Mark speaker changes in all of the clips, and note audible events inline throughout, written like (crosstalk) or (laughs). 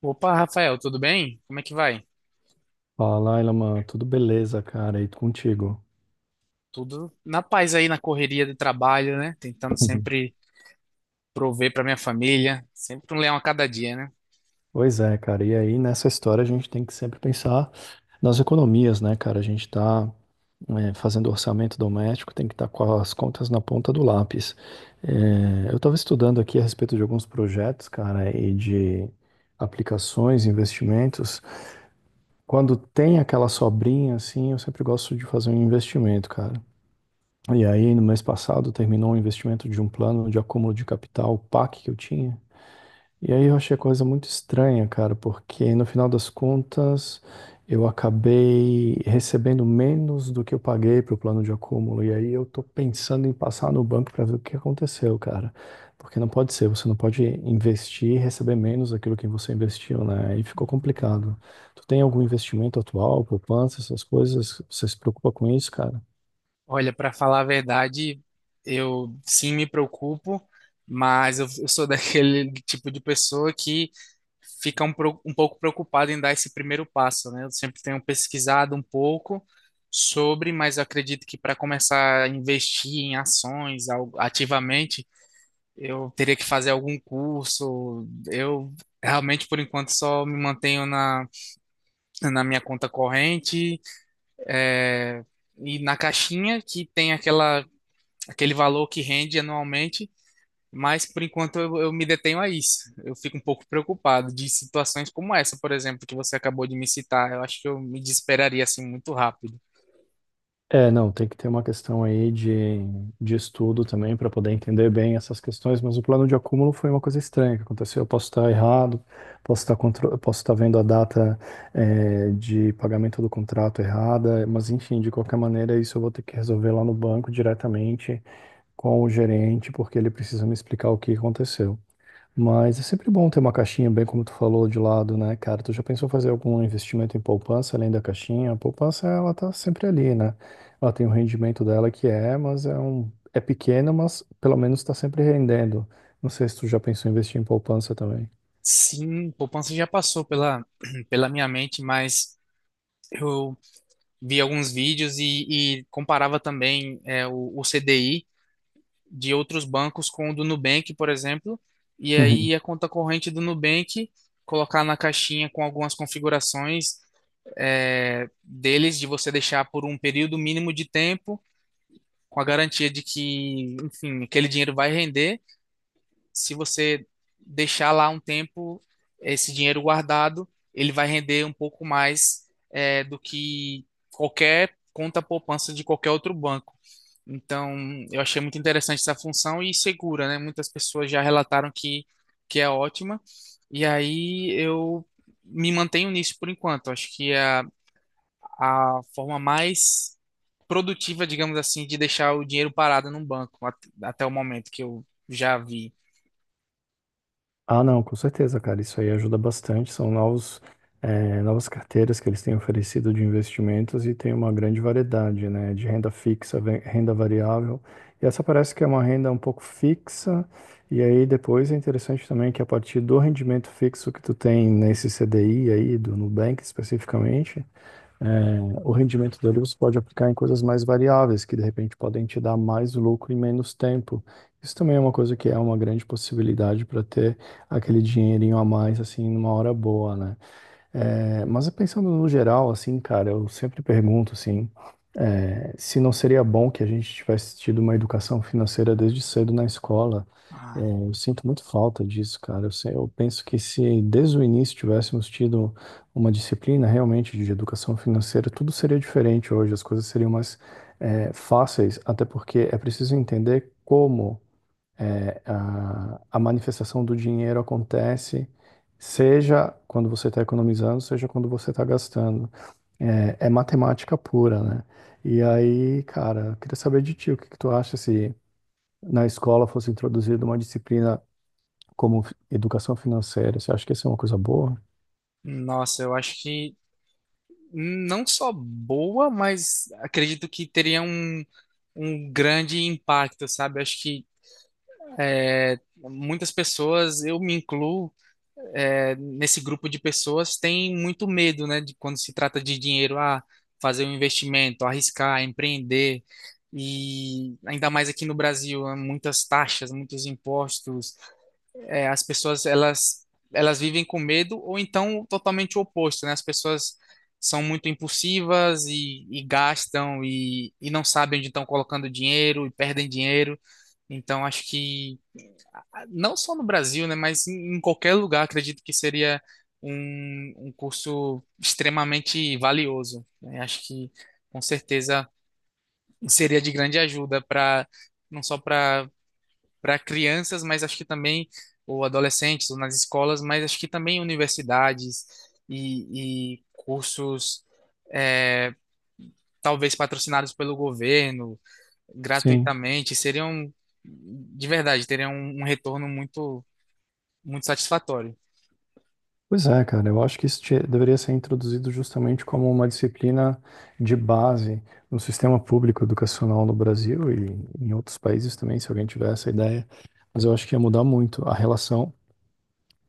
Speaker 1: Opa, Rafael, tudo bem? Como é que vai?
Speaker 2: Fala, Ilaman, tudo beleza, cara? E contigo?
Speaker 1: Tudo na paz aí, na correria do trabalho, né? Tentando
Speaker 2: Uhum.
Speaker 1: sempre prover para minha família, sempre um leão a cada dia, né?
Speaker 2: Pois é, cara. E aí, nessa história, a gente tem que sempre pensar nas economias, né, cara? A gente está fazendo orçamento doméstico, tem que estar com as contas na ponta do lápis. É, eu estava estudando aqui a respeito de alguns projetos, cara, e de aplicações, investimentos. Quando tem aquela sobrinha, assim, eu sempre gosto de fazer um investimento, cara. E aí, no mês passado, terminou um investimento de um plano de acúmulo de capital, PAC, que eu tinha. E aí eu achei a coisa muito estranha, cara, porque no final das contas eu acabei recebendo menos do que eu paguei pro plano de acúmulo. E aí eu tô pensando em passar no banco para ver o que aconteceu, cara. Porque não pode ser, você não pode investir e receber menos daquilo que você investiu, né? E ficou complicado. Tu tem algum investimento atual, poupança, essas coisas? Você se preocupa com isso, cara?
Speaker 1: Olha, para falar a verdade, eu sim me preocupo, mas eu sou (laughs) daquele tipo de pessoa que fica um pouco preocupada em dar esse primeiro passo, né? Eu sempre tenho pesquisado um pouco sobre, mas eu acredito que para começar a investir em ativamente eu teria que fazer algum curso. Eu realmente, por enquanto, só me mantenho na, na minha conta corrente e na caixinha, que tem aquela, aquele valor que rende anualmente. Mas, por enquanto, eu me detenho a isso. Eu fico um pouco preocupado de situações como essa, por exemplo, que você acabou de me citar. Eu acho que eu me desesperaria assim muito rápido.
Speaker 2: É, não, tem que ter uma questão aí de estudo também para poder entender bem essas questões, mas o plano de acúmulo foi uma coisa estranha que aconteceu. Eu posso estar errado, posso estar, posso estar vendo a data, de pagamento do contrato errada, mas enfim, de qualquer maneira, isso eu vou ter que resolver lá no banco diretamente com o gerente, porque ele precisa me explicar o que aconteceu. Mas é sempre bom ter uma caixinha, bem como tu falou, de lado, né, cara? Tu já pensou fazer algum investimento em poupança além da caixinha? A poupança, ela tá sempre ali, né? Ela tem o rendimento dela que é, mas é um pequeno, mas pelo menos tá sempre rendendo. Não sei se tu já pensou em investir em poupança também.
Speaker 1: Sim, poupança já passou pela, (clears throat) pela minha mente, mas eu vi alguns vídeos e comparava também o CDI de outros bancos com o do Nubank, por exemplo, e aí a conta corrente do Nubank colocar na caixinha com algumas configurações, deles, de você deixar por um período mínimo de tempo, com a garantia de que, enfim, aquele dinheiro vai render. Se você deixar lá um tempo esse dinheiro guardado, ele vai render um pouco mais do que qualquer conta poupança de qualquer outro banco. Então, eu achei muito interessante essa função e segura, né? Muitas pessoas já relataram que é ótima. E aí eu me mantenho nisso por enquanto. Acho que é a forma mais produtiva, digamos assim, de deixar o dinheiro parado num banco até o momento que eu já vi.
Speaker 2: Ah, não, com certeza, cara. Isso aí ajuda bastante. São novos, novas carteiras que eles têm oferecido de investimentos e tem uma grande variedade, né? De renda fixa, renda variável. E essa parece que é uma renda um pouco fixa. E aí depois é interessante também que a partir do rendimento fixo que tu tem nesse CDI aí, do Nubank especificamente, o rendimento dele você pode aplicar em coisas mais variáveis, que de repente podem te dar mais lucro em menos tempo. Isso também é uma coisa que é uma grande possibilidade para ter aquele dinheirinho a mais, assim, numa hora boa, né? É, mas pensando no geral, assim, cara, eu sempre pergunto, assim, é, se não seria bom que a gente tivesse tido uma educação financeira desde cedo na escola. É,
Speaker 1: Ah,
Speaker 2: eu sinto muito falta disso, cara. Eu, eu penso que se desde o início tivéssemos tido uma disciplina realmente de educação financeira, tudo seria diferente hoje, as coisas seriam mais, é, fáceis, até porque é preciso entender como. É, a manifestação do dinheiro acontece, seja quando você está economizando, seja quando você está gastando. É, é matemática pura, né? E aí, cara, eu queria saber de ti, o que que tu acha se na escola fosse introduzida uma disciplina como educação financeira? Você acha que isso é uma coisa boa?
Speaker 1: nossa, eu acho que não só boa, mas acredito que teria um, um grande impacto, sabe? Eu acho que muitas pessoas, eu me incluo, nesse grupo de pessoas, têm muito medo, né, de quando se trata de dinheiro, ah, fazer um investimento, arriscar, empreender. E ainda mais aqui no Brasil, há muitas taxas, muitos impostos, as pessoas, elas vivem com medo ou então totalmente o oposto, né? As pessoas são muito impulsivas e gastam e não sabem onde estão colocando dinheiro e perdem dinheiro. Então acho que, ah, não só no Brasil, né, mas em, em qualquer lugar acredito que seria um, um curso extremamente valioso, né? Acho que com certeza seria de grande ajuda para não só para para crianças, mas acho que também, ou adolescentes, ou nas escolas, mas acho que também universidades e cursos, é, talvez patrocinados pelo governo,
Speaker 2: Sim.
Speaker 1: gratuitamente, seriam, de verdade, teriam um, um retorno muito, muito satisfatório.
Speaker 2: Pois é, cara, eu acho que deveria ser introduzido justamente como uma disciplina de base no sistema público educacional no Brasil e em outros países também, se alguém tiver essa ideia. Mas eu acho que ia mudar muito a relação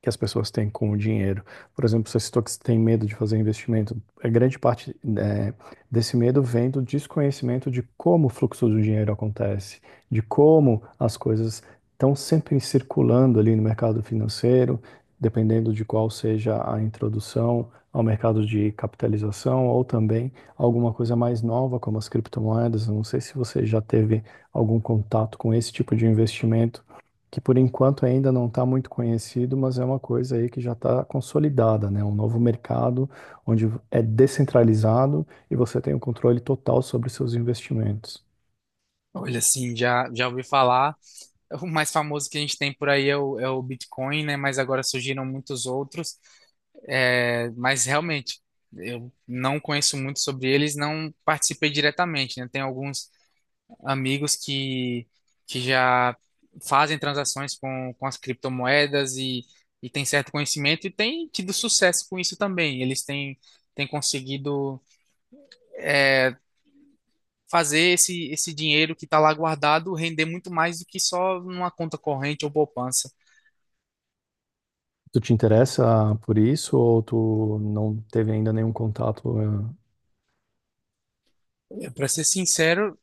Speaker 2: que as pessoas têm com o dinheiro. Por exemplo, você citou que você tem medo de fazer investimento. A grande parte, né, desse medo vem do desconhecimento de como o fluxo do dinheiro acontece, de como as coisas estão sempre circulando ali no mercado financeiro, dependendo de qual seja a introdução ao mercado de capitalização ou também alguma coisa mais nova, como as criptomoedas. Eu não sei se você já teve algum contato com esse tipo de investimento que por enquanto ainda não está muito conhecido, mas é uma coisa aí que já está consolidada, né? Um novo mercado onde é descentralizado e você tem o controle total sobre os seus investimentos.
Speaker 1: Olha, assim, já, já ouvi falar. O mais famoso que a gente tem por aí é é o Bitcoin, né? Mas agora surgiram muitos outros. É, mas realmente, eu não conheço muito sobre eles, não participei diretamente, né? Tem alguns amigos que já fazem transações com as criptomoedas e têm certo conhecimento e têm tido sucesso com isso também. Eles têm, têm conseguido, é, fazer esse, esse dinheiro que está lá guardado render muito mais do que só numa conta corrente ou poupança.
Speaker 2: Tu te interessa por isso ou tu não teve ainda nenhum contato? Eh?
Speaker 1: Para ser sincero,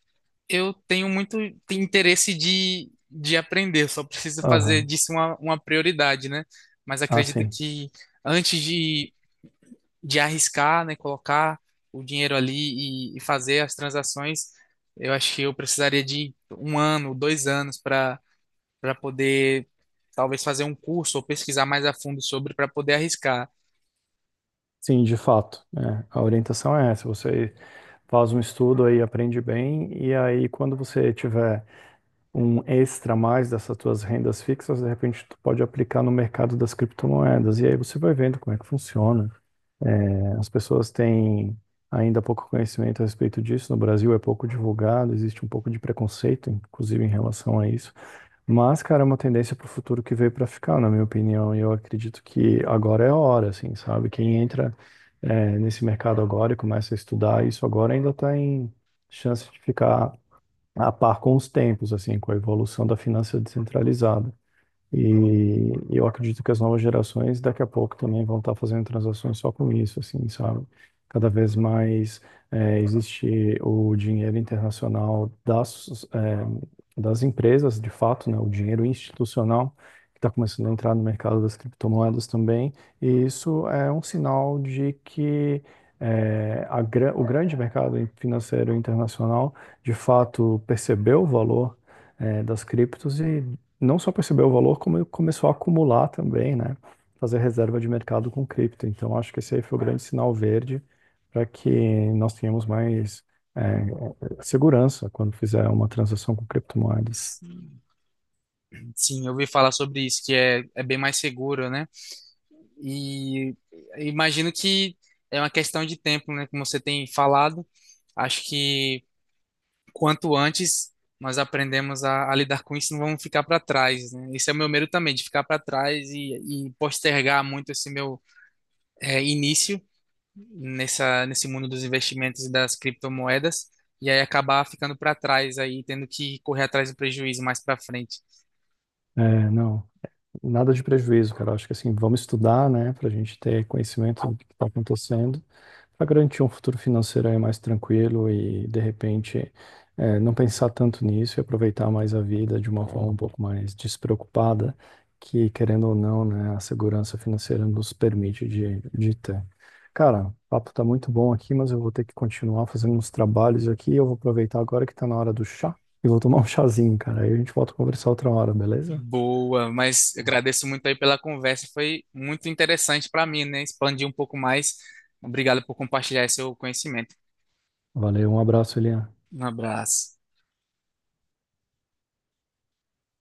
Speaker 1: eu tenho muito interesse de aprender, só preciso fazer
Speaker 2: Aham.
Speaker 1: disso uma prioridade, né? Mas
Speaker 2: Ah,
Speaker 1: acredito
Speaker 2: sim.
Speaker 1: que antes de arriscar, né, colocar o dinheiro ali e fazer as transações, eu acho que eu precisaria de um ano, dois anos para para poder talvez fazer um curso ou pesquisar mais a fundo sobre para poder arriscar.
Speaker 2: Sim, de fato. É. A orientação é essa. Você faz um estudo aí, aprende bem, e aí quando você tiver um extra a mais dessas tuas rendas fixas, de repente tu pode aplicar no mercado das criptomoedas. E aí você vai vendo como é que funciona. É, as pessoas têm ainda pouco conhecimento a respeito disso. No Brasil é pouco divulgado, existe um pouco de preconceito, inclusive em relação a isso. Mas, cara, é uma tendência para o futuro que veio para ficar, na minha opinião. E eu acredito que agora é a hora, assim, sabe? Quem entra, é, nesse mercado agora e começa a estudar isso agora ainda está em chance de ficar a par com os tempos, assim, com a evolução da finança descentralizada. E eu acredito que as novas gerações daqui a pouco também vão estar fazendo transações só com isso, assim, sabe? Cada vez mais existe o dinheiro internacional das, das empresas, de fato, né? O dinheiro institucional que está começando a entrar no mercado das criptomoedas também. E isso é um sinal de que o grande mercado financeiro internacional, de fato, percebeu o valor das criptos e não só percebeu o valor, como ele começou a acumular também, né? Fazer reserva de mercado com cripto. Então, acho que esse aí foi o grande sinal verde para que nós tenhamos mais é, segurança quando fizer uma transação com criptomoedas.
Speaker 1: Sim, eu ouvi falar sobre isso, que é, é bem mais seguro, né? E imagino que é uma questão de tempo, né? Como você tem falado, acho que quanto antes nós aprendemos a lidar com isso, não vamos ficar para trás, né? Esse é o meu medo também, de ficar para trás e postergar muito esse meu início nessa, nesse mundo dos investimentos e das criptomoedas, e aí acabar ficando para trás aí, tendo que correr atrás do prejuízo mais para frente.
Speaker 2: É, não. Nada de prejuízo, cara. Acho que assim, vamos estudar, né, para a gente ter conhecimento do que está acontecendo, para garantir um futuro financeiro aí mais tranquilo e, de repente, não pensar tanto nisso e aproveitar mais a vida de uma forma um pouco mais despreocupada, que, querendo ou não, né, a segurança financeira nos permite de ter. Cara, o papo tá muito bom aqui, mas eu vou ter que continuar fazendo uns trabalhos aqui. Eu vou aproveitar agora que tá na hora do chá e vou tomar um chazinho, cara. Aí a gente volta a conversar outra hora, beleza?
Speaker 1: Boa, mas agradeço muito aí pela conversa, foi muito interessante para mim, né? Expandir um pouco mais. Obrigado por compartilhar esse seu conhecimento.
Speaker 2: Valeu, um abraço, Elian.
Speaker 1: Um abraço.